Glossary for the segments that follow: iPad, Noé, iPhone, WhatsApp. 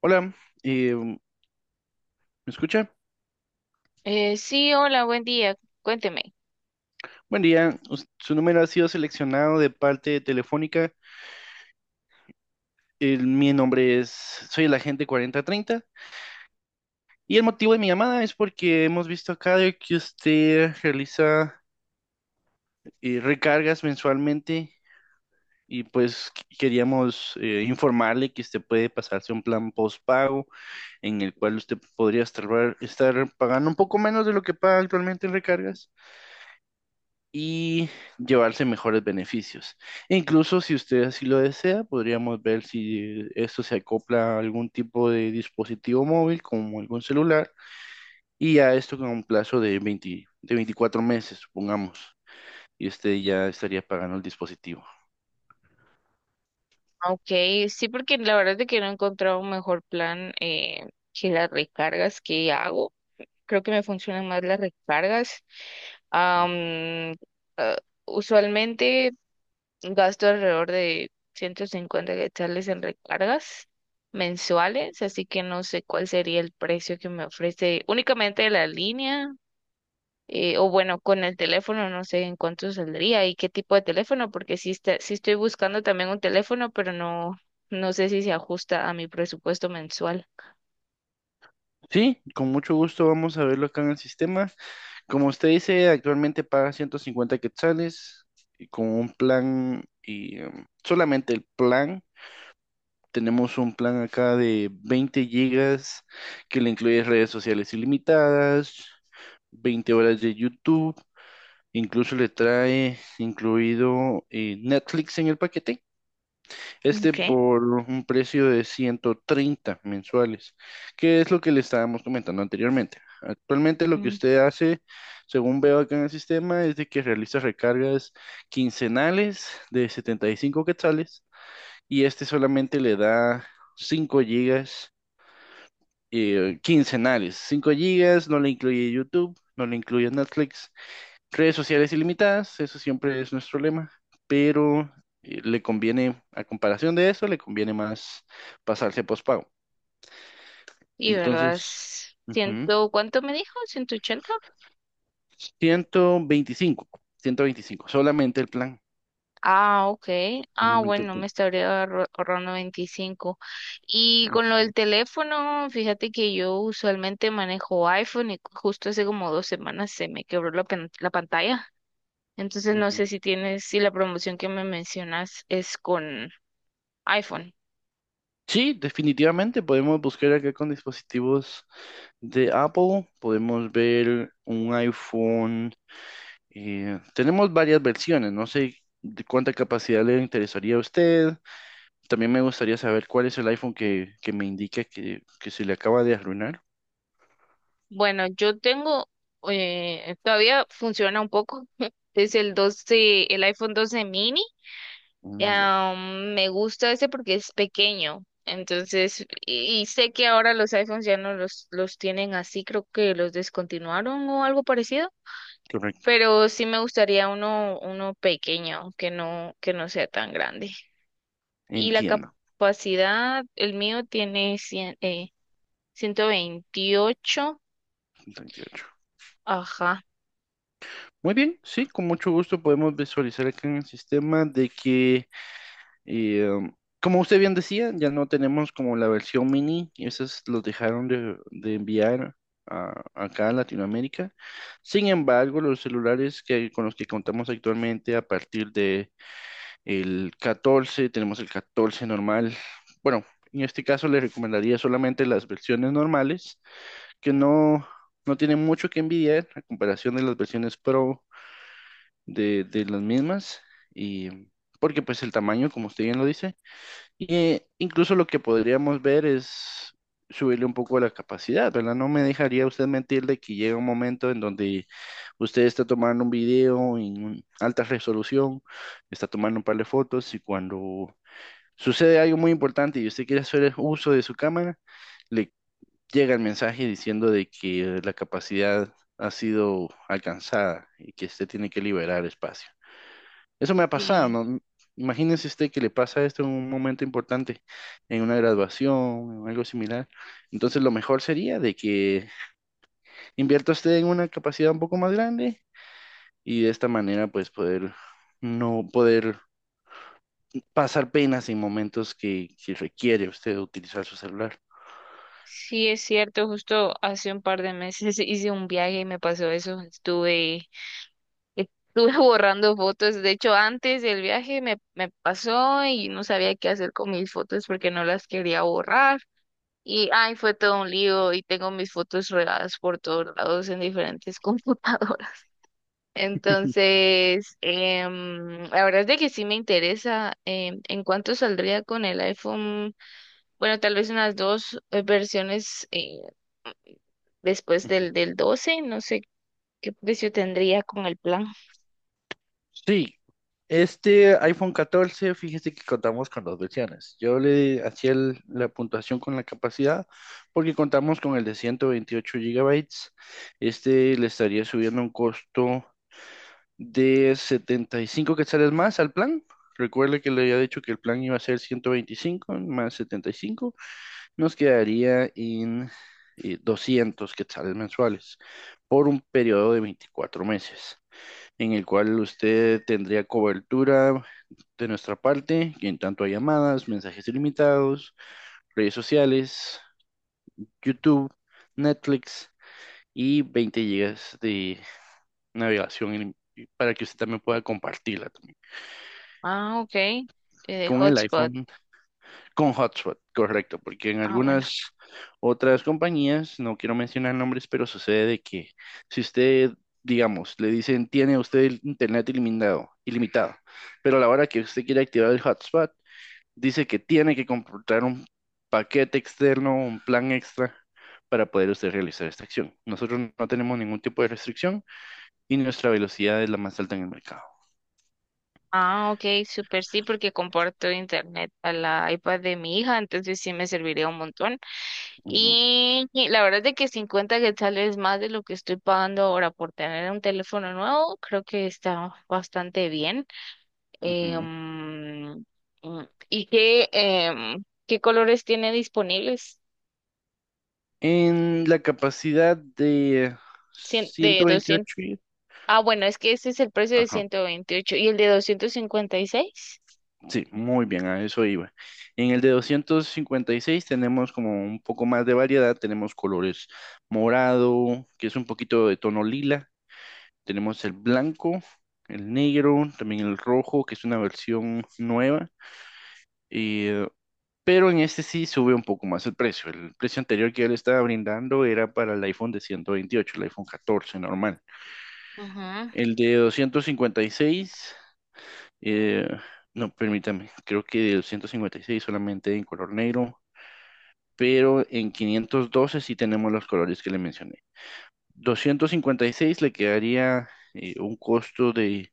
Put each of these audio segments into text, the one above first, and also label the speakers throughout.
Speaker 1: Hola, ¿me escucha?
Speaker 2: Sí, hola, buen día. Cuénteme.
Speaker 1: Buen día, su número ha sido seleccionado de parte de Telefónica. Soy el agente 40 30 y el motivo de mi llamada es porque hemos visto acá de que usted realiza recargas mensualmente, y pues queríamos informarle que usted puede pasarse a un plan postpago en el cual usted podría estar pagando un poco menos de lo que paga actualmente en recargas y llevarse mejores beneficios. E incluso si usted así lo desea, podríamos ver si esto se acopla a algún tipo de dispositivo móvil, como algún celular, y a esto con un plazo de 20 de 24 meses, supongamos. Y usted ya estaría pagando el dispositivo.
Speaker 2: Ok, sí, porque la verdad es de que no he encontrado un mejor plan que las recargas que hago. Creo que me funcionan más las recargas. Am, ah, Usualmente gasto alrededor de 150 quetzales en recargas mensuales, así que no sé cuál sería el precio que me ofrece únicamente la línea, o bueno, con el teléfono no sé en cuánto saldría y qué tipo de teléfono, porque sí, sí estoy buscando también un teléfono, pero no sé si se ajusta a mi presupuesto mensual.
Speaker 1: Sí, con mucho gusto vamos a verlo acá en el sistema. Como usted dice, actualmente paga 150 quetzales, y con un plan y solamente el plan. Tenemos un plan acá de 20 gigas que le incluye redes sociales ilimitadas, 20 horas de YouTube, incluso le trae incluido Netflix en el paquete. Este
Speaker 2: Okay.
Speaker 1: por un precio de 130 mensuales, que es lo que le estábamos comentando anteriormente. Actualmente lo que
Speaker 2: Mm.
Speaker 1: usted hace, según veo acá en el sistema, es de que realiza recargas quincenales de 75 quetzales, y este solamente le da 5 gigas quincenales. 5 gigas, no le incluye YouTube, no le incluye Netflix, redes sociales ilimitadas, eso siempre es nuestro lema, pero le conviene, a comparación de eso, le conviene más pasarse a postpago.
Speaker 2: Y verdad,
Speaker 1: Entonces,
Speaker 2: es
Speaker 1: ujú,
Speaker 2: ciento, ¿cuánto me dijo? Ciento ochenta.
Speaker 1: 125, 125, solamente el plan,
Speaker 2: Ah, ok. Ah,
Speaker 1: solamente el
Speaker 2: bueno, me
Speaker 1: plan.
Speaker 2: estaría ahorrando 25. Y con lo
Speaker 1: Ujú,
Speaker 2: del teléfono, fíjate que yo usualmente manejo iPhone y justo hace como dos semanas se me quebró la pantalla. Entonces no
Speaker 1: ujú.
Speaker 2: sé si tienes, si la promoción que me mencionas es con iPhone.
Speaker 1: Sí, definitivamente podemos buscar acá con dispositivos. De Apple podemos ver un iPhone. Tenemos varias versiones. No sé de cuánta capacidad le interesaría a usted. También me gustaría saber cuál es el iPhone que me indica que se le acaba de arruinar.
Speaker 2: Bueno, yo tengo, todavía funciona un poco. Es el doce, el iPhone doce mini.
Speaker 1: Mm, ya,
Speaker 2: Ah, me gusta ese porque es pequeño. Entonces, y sé que ahora los iPhones ya no los tienen así, creo que los descontinuaron o algo parecido.
Speaker 1: correcto.
Speaker 2: Pero sí me gustaría uno, uno pequeño, que no sea tan grande. Y la
Speaker 1: Entiendo.
Speaker 2: capacidad, el mío tiene 128.
Speaker 1: 38.
Speaker 2: Ajá.
Speaker 1: Muy bien, sí, con mucho gusto podemos visualizar acá en el sistema de que. Y como usted bien decía, ya no tenemos como la versión mini, y esas los dejaron de enviar acá a Latinoamérica. Sin embargo, los celulares que, con los que contamos actualmente a partir de el 14, tenemos el 14 normal. Bueno, en este caso le recomendaría solamente las versiones normales, que no, no tienen mucho que envidiar a comparación de las versiones Pro de las mismas. Y porque pues el tamaño, como usted bien lo dice, y incluso lo que podríamos ver es subirle un poco la capacidad, ¿verdad? No me dejaría usted mentir de que llega un momento en donde usted está tomando un video en alta resolución, está tomando un par de fotos y cuando sucede algo muy importante y usted quiere hacer uso de su cámara, le llega el mensaje diciendo de que la capacidad ha sido alcanzada y que usted tiene que liberar espacio. Eso me ha pasado,
Speaker 2: Sí,
Speaker 1: ¿no? Imagínese usted que le pasa esto en un momento importante, en una graduación o algo similar. Entonces, lo mejor sería de que invierta usted en una capacidad un poco más grande y de esta manera, pues, poder no poder pasar penas en momentos que requiere usted utilizar su celular.
Speaker 2: sí, es cierto. Justo hace un par de meses hice un viaje y me pasó eso. Estuve borrando fotos. De hecho, antes del viaje me pasó y no sabía qué hacer con mis fotos porque no las quería borrar. Y ay, fue todo un lío y tengo mis fotos regadas por todos lados en diferentes computadoras. Entonces, la verdad es de que sí me interesa, en cuánto saldría con el iPhone, bueno, tal vez unas dos versiones, después del 12, no sé qué precio tendría con el plan.
Speaker 1: Sí, este iPhone 14, fíjese que contamos con dos versiones. Yo le hacía la puntuación con la capacidad porque contamos con el de 128 gigabytes. Este le estaría subiendo un costo de 75 quetzales más al plan. Recuerde que le había dicho que el plan iba a ser 125 más 75. Nos quedaría en 200 quetzales mensuales por un periodo de 24 meses, en el cual usted tendría cobertura de nuestra parte, en tanto a llamadas, mensajes ilimitados, redes sociales, YouTube, Netflix y 20 gigas de navegación para que usted también pueda compartirla también.
Speaker 2: Ah, ok, de
Speaker 1: Con el
Speaker 2: hotspot.
Speaker 1: iPhone, con hotspot, correcto, porque en
Speaker 2: Ah, bueno.
Speaker 1: algunas otras compañías, no quiero mencionar nombres, pero sucede de que si usted, digamos, le dicen, tiene usted el internet ilimitado, ilimitado, pero a la hora que usted quiere activar el hotspot, dice que tiene que comprar un paquete externo, un plan extra para poder usted realizar esta acción. Nosotros no tenemos ningún tipo de restricción y nuestra velocidad es la más alta en el mercado.
Speaker 2: Ah, ok, súper. Sí, porque comparto internet a la iPad de mi hija, entonces sí me serviría un montón.
Speaker 1: Ujú,
Speaker 2: Y la verdad es de que 50 quetzales más de lo que estoy pagando ahora por tener un teléfono nuevo, creo que está bastante bien. Eh,
Speaker 1: ujú.
Speaker 2: mm, mm, ¿Y qué, qué colores tiene disponibles?
Speaker 1: En la capacidad de
Speaker 2: Cien- de 200.
Speaker 1: 128,
Speaker 2: Ah, bueno, es que este es el precio de
Speaker 1: ajá,
Speaker 2: 128 y el de 256.
Speaker 1: sí, muy bien, a eso iba. En el de 256 tenemos como un poco más de variedad, tenemos colores morado, que es un poquito de tono lila. Tenemos el blanco, el negro, también el rojo, que es una versión nueva. Y, pero en este sí sube un poco más el precio. El precio anterior que yo le estaba brindando era para el iPhone de 128, el iPhone 14 normal.
Speaker 2: Ujú.
Speaker 1: El de 256, eh, no, permítame, creo que de 256 solamente en color negro, pero en 512 sí tenemos los colores que le mencioné. 256 le quedaría un costo de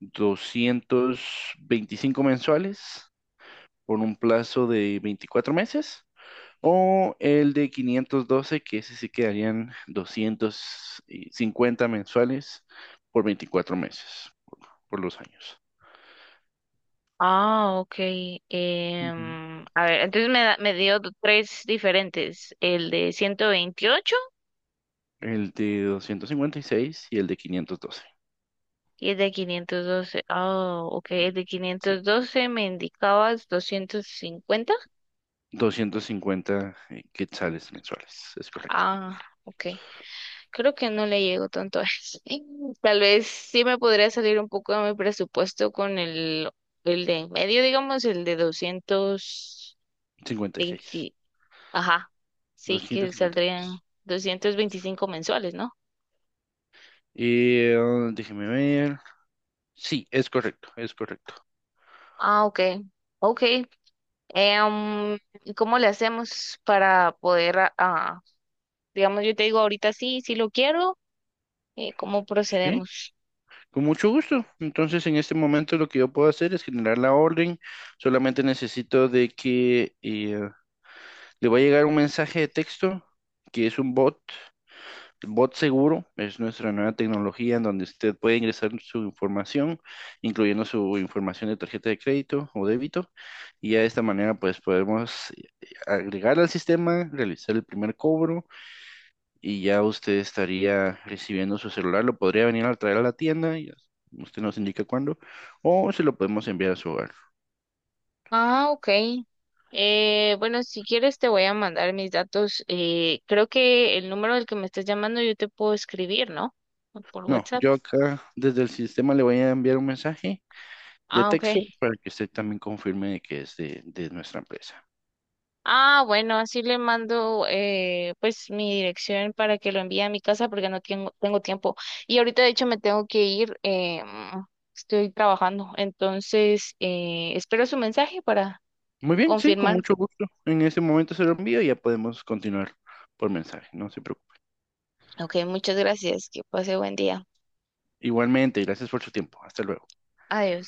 Speaker 1: 225 mensuales por un plazo de 24 meses. O el de 512, que ese sí quedarían 250 mensuales por 24 meses, por los años.
Speaker 2: Ah, ok.
Speaker 1: Ujú.
Speaker 2: A ver, entonces me dio tres diferentes, el de 128.
Speaker 1: El de 256 y el de 512.
Speaker 2: Y es de 512. Oh, ok. Es de
Speaker 1: Sí.
Speaker 2: 512. Me indicabas 250.
Speaker 1: 250 quetzales mensuales, es correcto.
Speaker 2: Ah, ok. Creo que no le llego tanto a eso. Tal vez sí me podría salir un poco de mi presupuesto con el de en medio, digamos, el de 220. Ajá.
Speaker 1: 56.
Speaker 2: Sí, que saldrían
Speaker 1: 256.
Speaker 2: 225 mensuales, ¿no?
Speaker 1: Déjeme ver. Sí, es correcto, es correcto.
Speaker 2: Ah, ok. Ok. Em, ¿Y cómo le hacemos para poder ah, digamos, yo te digo ahorita sí, sí lo quiero, ¿cómo
Speaker 1: Sí,
Speaker 2: procedemos?
Speaker 1: con mucho gusto. Entonces, en este momento lo que yo puedo hacer es generar la orden. Solamente necesito de que le va a llegar un mensaje de texto que es un bot, bot seguro. Es nuestra nueva tecnología en donde usted puede ingresar su información, incluyendo su información de tarjeta de crédito o débito. Y ya de esta manera, pues podemos agregar al sistema, realizar el primer cobro y ya usted estaría recibiendo su celular, lo podría venir a traer a la tienda, y ya usted nos indica cuándo, o se lo podemos enviar a su hogar.
Speaker 2: Ah, ok. Bueno, si quieres te voy a mandar mis datos. Creo que el número del que me estás llamando yo te puedo escribir, ¿no? Por
Speaker 1: No,
Speaker 2: WhatsApp.
Speaker 1: yo acá desde el sistema le voy a enviar un mensaje de
Speaker 2: Ah, ok.
Speaker 1: texto para que usted también confirme de que es de nuestra empresa.
Speaker 2: Ah, bueno, así le mando pues mi dirección para que lo envíe a mi casa porque no tengo, tengo tiempo. Y ahorita de hecho me tengo que ir, estoy trabajando. Entonces, espero su mensaje para
Speaker 1: Muy bien, sí, con
Speaker 2: confirmar.
Speaker 1: mucho gusto. En ese momento se lo envío y ya podemos continuar por mensaje, no se preocupe.
Speaker 2: Ok, muchas gracias. Que pase buen día.
Speaker 1: Igualmente, gracias por su tiempo. Hasta luego.
Speaker 2: Adiós.